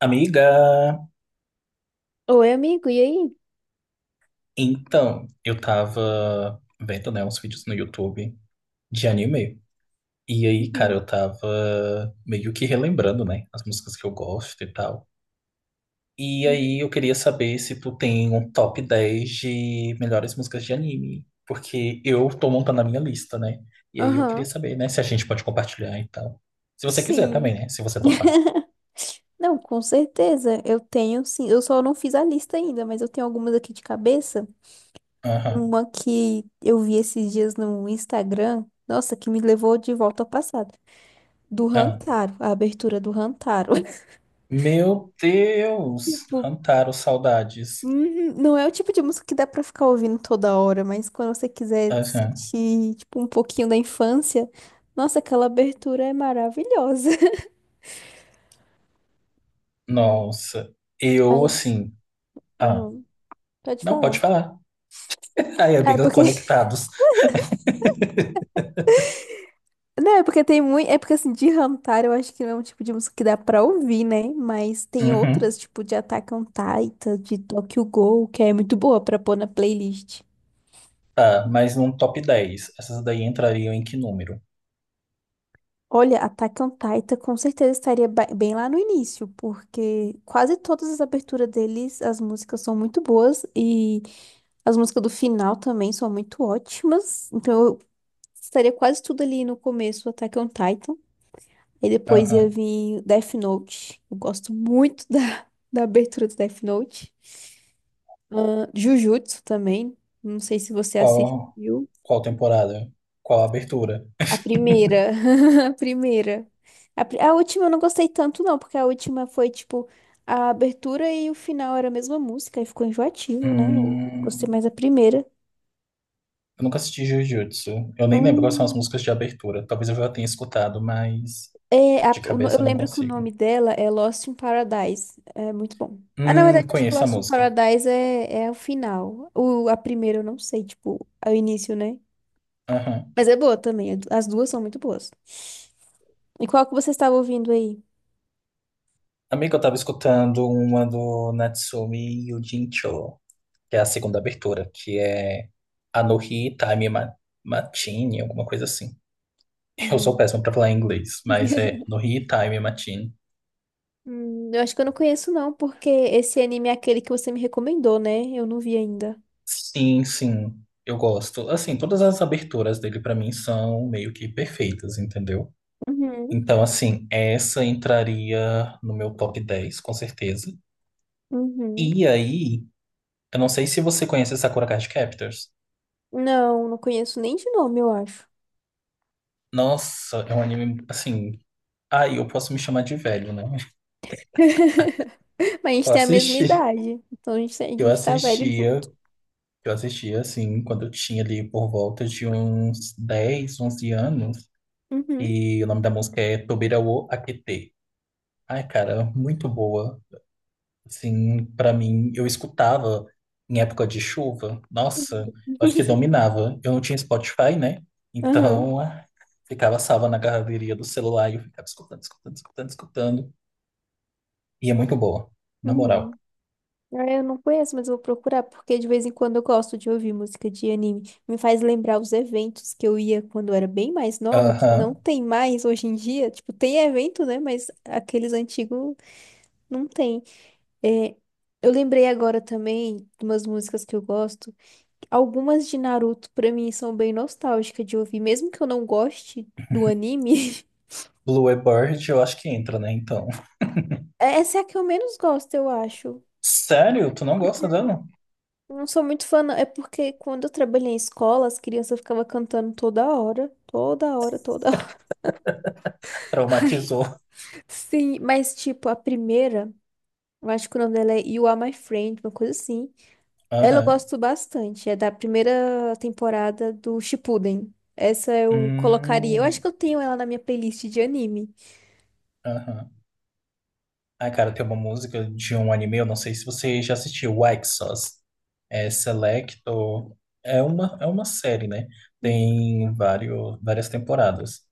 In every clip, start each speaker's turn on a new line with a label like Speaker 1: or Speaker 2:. Speaker 1: Amiga,
Speaker 2: Oi, amigo, e aí?
Speaker 1: então, eu tava vendo, né, uns vídeos no YouTube de anime. E aí, cara,
Speaker 2: Uhum,
Speaker 1: eu tava meio que relembrando, né, as músicas que eu gosto e tal. E
Speaker 2: uhum.
Speaker 1: aí, eu queria saber se tu tem um top 10 de melhores músicas de anime. Porque eu tô montando a minha lista, né? E aí, eu queria
Speaker 2: Aham,
Speaker 1: saber, né, se a gente pode compartilhar e tal. Se você quiser também,
Speaker 2: sim.
Speaker 1: né, se você topar.
Speaker 2: Não, com certeza. Eu tenho, sim. Eu só não fiz a lista ainda, mas eu tenho algumas aqui de cabeça.
Speaker 1: Aham.
Speaker 2: Uma que eu vi esses dias no Instagram. Nossa, que me levou de volta ao passado. Do
Speaker 1: Aham.
Speaker 2: Rantaro, a abertura do Rantaro.
Speaker 1: Meu Deus!
Speaker 2: Tipo,
Speaker 1: Hantaro, saudades.
Speaker 2: uhum, não é o tipo de música que dá pra ficar ouvindo toda hora, mas quando você quiser sentir, tipo, um pouquinho da infância, nossa, aquela abertura é maravilhosa. Hum.
Speaker 1: Nossa, eu
Speaker 2: Mas.
Speaker 1: assim. Ah,
Speaker 2: Aham. Pode
Speaker 1: não, pode
Speaker 2: falar.
Speaker 1: falar. Aí,
Speaker 2: É
Speaker 1: amiga,
Speaker 2: porque.
Speaker 1: conectados.
Speaker 2: Não, é porque tem muito. É porque assim, de Hantar eu acho que não é um tipo de música que dá pra ouvir, né? Mas tem
Speaker 1: Uhum,
Speaker 2: outras, tipo de Attack on Titan, de Tokyo Ghoul, que é muito boa pra pôr na playlist.
Speaker 1: tá, mas num top 10, essas daí entrariam em que número?
Speaker 2: Olha, Attack on Titan com certeza estaria bem lá no início, porque quase todas as aberturas deles, as músicas são muito boas e as músicas do final também são muito ótimas. Então eu estaria quase tudo ali no começo, Attack on Titan. E depois ia
Speaker 1: Aham.
Speaker 2: vir Death Note. Eu gosto muito da abertura do Death Note. Jujutsu também. Não sei se você
Speaker 1: Qual,
Speaker 2: assistiu.
Speaker 1: qual temporada? Qual abertura?
Speaker 2: A primeira. A primeira. A última eu não gostei tanto, não, porque a última foi tipo a abertura e o final era a mesma música, aí ficou enjoativo, né? Eu gostei
Speaker 1: Hum,
Speaker 2: mais da primeira.
Speaker 1: eu nunca assisti Jujutsu. Eu nem lembro quais são as
Speaker 2: Hum.
Speaker 1: músicas de abertura. Talvez eu já tenha escutado, mas
Speaker 2: É,
Speaker 1: de
Speaker 2: a- o no- eu
Speaker 1: cabeça eu não
Speaker 2: lembro que o
Speaker 1: consigo.
Speaker 2: nome dela é Lost in Paradise. É muito bom. Ah, na verdade, acho que
Speaker 1: Conheço a
Speaker 2: Lost in
Speaker 1: música.
Speaker 2: Paradise é o final. A primeira eu não sei, tipo, é o início, né?
Speaker 1: Aham.
Speaker 2: Mas é boa também. As duas são muito boas. E qual que você estava ouvindo aí?
Speaker 1: Amiga, eu tava escutando uma do Natsumi Yugincho, que é a segunda abertura, que é Anohi Time Matine, alguma coisa assim. Eu sou
Speaker 2: Uhum.
Speaker 1: péssimo pra falar em inglês, mas é Anohi Time Matine.
Speaker 2: Eu acho que eu não conheço, não, porque esse anime é aquele que você me recomendou, né? Eu não vi ainda.
Speaker 1: Sim, sim, eu gosto. Assim, todas as aberturas dele pra mim são meio que perfeitas, entendeu?
Speaker 2: Uhum,
Speaker 1: Então, assim, essa entraria no meu top 10 com certeza.
Speaker 2: uhum.
Speaker 1: E aí, eu não sei se você conhece Sakura Card Captors.
Speaker 2: Não, não conheço nem de nome, eu acho.
Speaker 1: Nossa, é um anime, assim... Aí eu posso me chamar de velho, né?
Speaker 2: Mas a
Speaker 1: Eu
Speaker 2: gente tem a mesma
Speaker 1: assisti.
Speaker 2: idade, então a
Speaker 1: Eu
Speaker 2: gente tá velho
Speaker 1: assistia
Speaker 2: junto.
Speaker 1: Eu assistia, assim, quando eu tinha ali por volta de uns 10 11 anos.
Speaker 2: Uhum,
Speaker 1: E o nome da música é Tobira wo Akete. Ai, cara, muito boa. Assim, pra mim, eu escutava em época de chuva. Nossa, acho que dominava. Eu não tinha Spotify, né?
Speaker 2: aham,
Speaker 1: Então, ah, ficava salva na galeria do celular e eu ficava escutando, escutando, escutando, escutando. E é muito boa, na moral.
Speaker 2: uhum. Ah, eu não conheço, mas eu vou procurar, porque de vez em quando eu gosto de ouvir música de anime. Me faz lembrar os eventos que eu ia quando eu era bem mais nova, que não
Speaker 1: Aham.
Speaker 2: tem mais hoje em dia. Tipo, tem evento, né? Mas aqueles antigos não tem. É, eu lembrei agora também de umas músicas que eu gosto. Algumas de Naruto, pra mim, são bem nostálgicas de ouvir, mesmo que eu não goste do anime.
Speaker 1: Bluebird, eu acho que entra, né? Então.
Speaker 2: Essa é a que eu menos gosto, eu acho.
Speaker 1: Sério? Tu não gosta dela?
Speaker 2: Eu não sou muito fã, não. É porque quando eu trabalhei em escola, as crianças ficavam cantando toda hora. Toda hora, toda hora.
Speaker 1: Traumatizou.
Speaker 2: Sim, mas tipo, a primeira, eu acho que o nome dela é You Are My Friend, uma coisa assim. Ela eu
Speaker 1: Aham.
Speaker 2: gosto bastante. É da primeira temporada do Shippuden. Essa eu colocaria. Eu acho
Speaker 1: Hum,
Speaker 2: que eu tenho ela na minha playlist de anime.
Speaker 1: aham. Ai, cara, tem uma música de um anime, eu não sei se você já assistiu, White Sauce. É selecto. É uma série, né?
Speaker 2: Hum,
Speaker 1: Tem várias temporadas.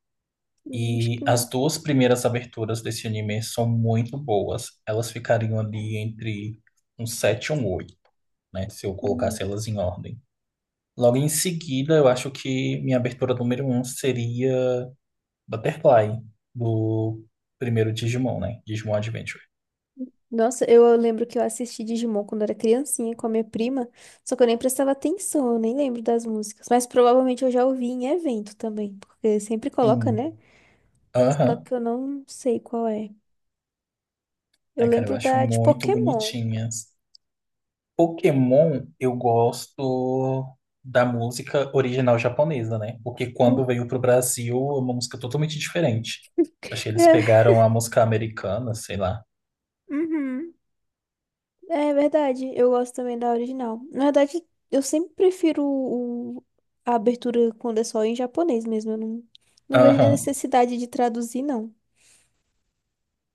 Speaker 2: Acho
Speaker 1: E
Speaker 2: que
Speaker 1: as
Speaker 2: não.
Speaker 1: duas primeiras aberturas desse anime são muito boas. Elas ficariam ali entre um 7 e um 8, né? Se eu colocasse
Speaker 2: Uhum.
Speaker 1: elas em ordem. Logo em seguida, eu acho que minha abertura número um seria Butterfly, do primeiro Digimon, né? Digimon Adventure.
Speaker 2: Nossa, eu lembro que eu assisti Digimon quando era criancinha com a minha prima, só que eu nem prestava atenção, eu nem lembro das músicas. Mas provavelmente eu já ouvi em evento também, porque sempre coloca,
Speaker 1: Sim.
Speaker 2: né? Só
Speaker 1: Aham.
Speaker 2: que eu não sei qual é. Eu
Speaker 1: Ai, cara, eu
Speaker 2: lembro
Speaker 1: acho
Speaker 2: da de
Speaker 1: muito
Speaker 2: Pokémon.
Speaker 1: bonitinhas. Pokémon, eu gosto da música original japonesa, né? Porque quando
Speaker 2: Hum.
Speaker 1: veio pro Brasil, é uma música totalmente diferente. Achei que eles
Speaker 2: É,
Speaker 1: pegaram a música americana, sei lá.
Speaker 2: uhum. É verdade, eu gosto também da original. Na verdade, eu sempre prefiro a abertura quando é só em japonês mesmo. Eu não, não vejo nem
Speaker 1: Aham.
Speaker 2: necessidade de traduzir, não.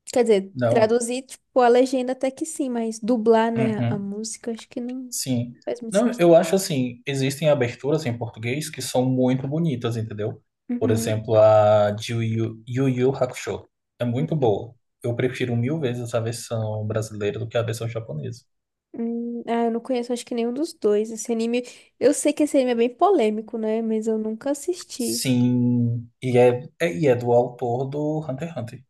Speaker 2: Quer dizer,
Speaker 1: Não.
Speaker 2: traduzir, tipo, a legenda até que sim, mas dublar, né, a
Speaker 1: Uhum.
Speaker 2: música, acho que não
Speaker 1: Sim.
Speaker 2: faz muito
Speaker 1: Não,
Speaker 2: sentido.
Speaker 1: eu acho assim, existem aberturas em português que são muito bonitas, entendeu? Por
Speaker 2: Uhum.
Speaker 1: exemplo, a de Yu Yu Hakusho. É muito boa. Eu prefiro mil vezes a versão brasileira do que a versão japonesa.
Speaker 2: Ah, eu não conheço, acho que nenhum dos dois. Eu sei que esse anime é bem polêmico, né, mas eu nunca assisti.
Speaker 1: Sim, e é do autor do Hunter x Hunter.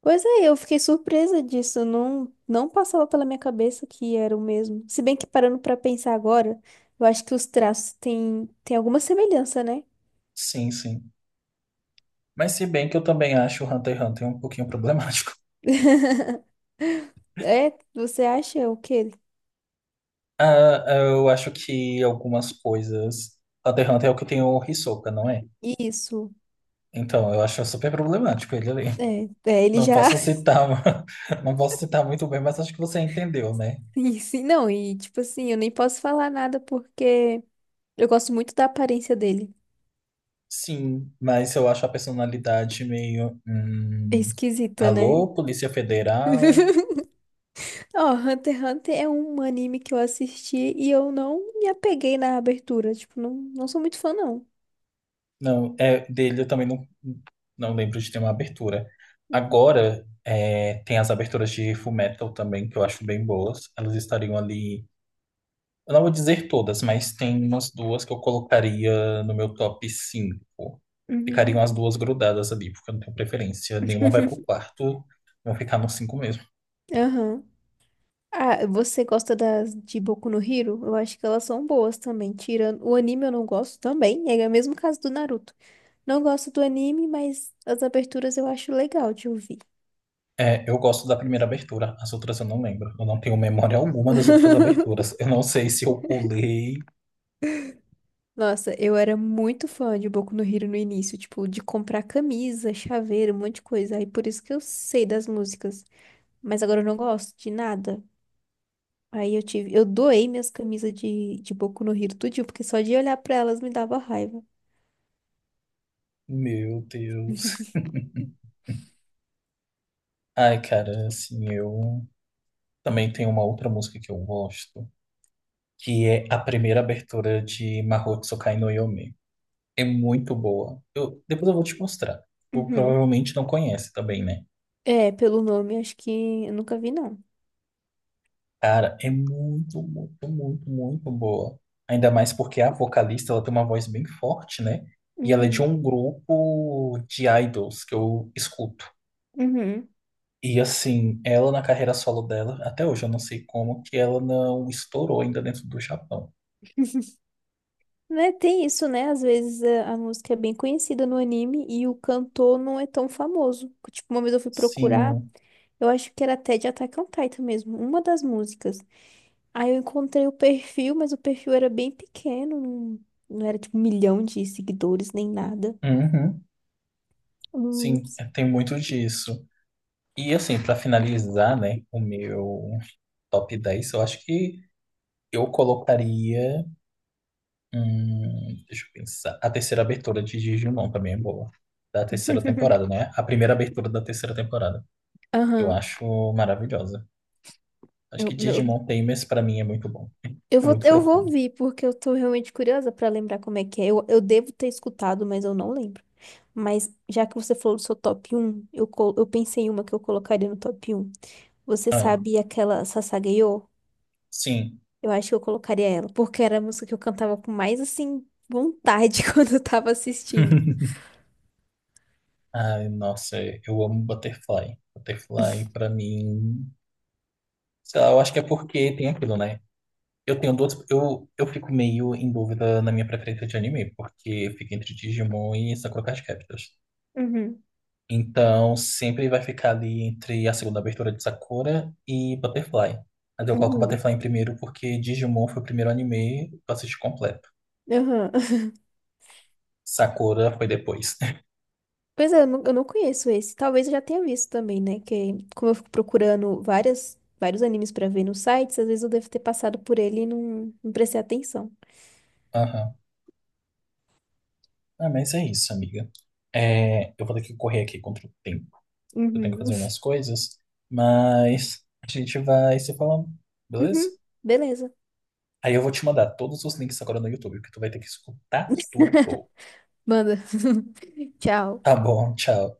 Speaker 2: Pois é, eu fiquei surpresa disso, não, não passava pela minha cabeça que era o mesmo. Se bem que parando pra pensar agora, eu acho que os traços têm alguma semelhança, né?
Speaker 1: Sim, sim. Mas se bem que eu também acho o Hunter x Hunter um pouquinho problemático.
Speaker 2: É, você acha o quê?
Speaker 1: Ah, eu acho que algumas coisas... Hunter x Hunter é o que tem o Hisoka, não é?
Speaker 2: Isso.
Speaker 1: Então, eu acho super problemático ele ali.
Speaker 2: Ele
Speaker 1: Não
Speaker 2: já.
Speaker 1: posso citar, não posso citar muito bem, mas acho que você entendeu, né?
Speaker 2: E sim, não, e tipo assim, eu nem posso falar nada porque eu gosto muito da aparência dele.
Speaker 1: Sim, mas eu acho a personalidade meio.
Speaker 2: É esquisita, né?
Speaker 1: Alô, Polícia Federal?
Speaker 2: Ó, Hunter x Hunter é um anime que eu assisti e eu não me apeguei na abertura. Tipo, não sou muito fã, não.
Speaker 1: Não, é dele eu também não, não lembro de ter uma abertura.
Speaker 2: Uhum.
Speaker 1: Agora, é, tem as aberturas de Fullmetal também, que eu acho bem boas. Elas estariam ali. Eu não vou dizer todas, mas tem umas duas que eu colocaria no meu top 5. Ficariam
Speaker 2: Uhum.
Speaker 1: as duas grudadas ali, porque eu não tenho preferência. Nenhuma vai pro quarto, vão ficar no cinco mesmo.
Speaker 2: Aham. Ah, você gosta das de Boku no Hero? Eu acho que elas são boas também. Tirando o anime, eu não gosto também. É o mesmo caso do Naruto. Não gosto do anime, mas as aberturas eu acho legal de ouvir.
Speaker 1: É, eu gosto da primeira abertura, as outras eu não lembro. Eu não tenho memória alguma das outras aberturas. Eu não sei se eu pulei.
Speaker 2: Nossa, eu era muito fã de Boku no Hero no início, tipo, de comprar camisa, chaveiro, um monte de coisa. Aí por isso que eu sei das músicas. Mas agora eu não gosto de nada. Eu doei minhas camisas de Boku no Hero tudinho, porque só de olhar pra elas me dava raiva.
Speaker 1: Meu Deus. Ai, cara, assim, eu também tenho uma outra música que eu gosto, que é a primeira abertura de Mahou Tsukai no Yome. É muito boa. Eu, depois eu vou te mostrar. Tu
Speaker 2: Uhum.
Speaker 1: provavelmente não conhece também, né?
Speaker 2: É, pelo nome, acho que eu nunca vi, não.
Speaker 1: Cara, é muito, muito, muito, muito boa. Ainda mais porque a vocalista, ela tem uma voz bem forte, né? E ela é de
Speaker 2: Uhum.
Speaker 1: um grupo de idols que eu escuto.
Speaker 2: Uhum.
Speaker 1: E assim, ela na carreira solo dela, até hoje eu não sei como que ela não estourou ainda dentro do Japão.
Speaker 2: Né, tem isso, né? Às vezes a música é bem conhecida no anime e o cantor não é tão famoso. Tipo, uma vez eu fui procurar,
Speaker 1: Sim,
Speaker 2: eu acho que era até de Attack on Titan mesmo, uma das músicas. Aí eu encontrei o perfil, mas o perfil era bem pequeno, não era tipo 1 milhão de seguidores nem nada.
Speaker 1: uhum,
Speaker 2: Hum.
Speaker 1: sim, é, tem muito disso. E assim, pra finalizar, né, o meu top 10, eu acho que eu colocaria. Deixa eu pensar. A terceira abertura de Digimon também é boa. Da terceira temporada, né? A primeira abertura da terceira temporada. Eu
Speaker 2: Aham.
Speaker 1: acho maravilhosa. Acho que
Speaker 2: Eu- meu-
Speaker 1: Digimon Tamers, pra mim, é muito bom. É muito
Speaker 2: Eu vou
Speaker 1: profundo.
Speaker 2: ouvir, porque eu tô realmente curiosa pra lembrar como é que é. Eu devo ter escutado, mas eu não lembro. Mas já que você falou do seu top um, eu pensei em uma que eu colocaria no top um. Você
Speaker 1: Ah,
Speaker 2: sabe aquela Sasagayô?
Speaker 1: sim.
Speaker 2: Eu acho que eu colocaria ela, porque era a música que eu cantava com mais, assim, vontade quando eu tava assistindo.
Speaker 1: Ai, nossa, eu amo Butterfly. Butterfly, pra mim. Sei lá, eu acho que é porque tem aquilo, né? Eu tenho duas. Eu fico meio em dúvida na minha preferência de anime, porque fica entre Digimon e Sakura Card Captors.
Speaker 2: Uhum,
Speaker 1: Então, sempre vai ficar ali entre a segunda abertura de Sakura e Butterfly. Mas eu coloco
Speaker 2: uhum,
Speaker 1: Butterfly em primeiro porque Digimon foi o primeiro anime que eu assisti completo.
Speaker 2: uhum.
Speaker 1: Sakura foi depois.
Speaker 2: Pois é, eu não conheço esse. Talvez eu já tenha visto também, né? Que como eu fico procurando vários animes pra ver nos sites, às vezes eu devo ter passado por ele e não prestei atenção.
Speaker 1: Aham. Ah, mas é isso, amiga. É, eu vou ter que correr aqui contra o tempo. Eu tenho que
Speaker 2: Uhum.
Speaker 1: fazer umas coisas, mas a gente vai se falando, beleza?
Speaker 2: Uhum. Beleza.
Speaker 1: Aí eu vou te mandar todos os links agora no YouTube, porque tu vai ter que escutar tudo.
Speaker 2: Manda. Tchau.
Speaker 1: Tá bom, tchau.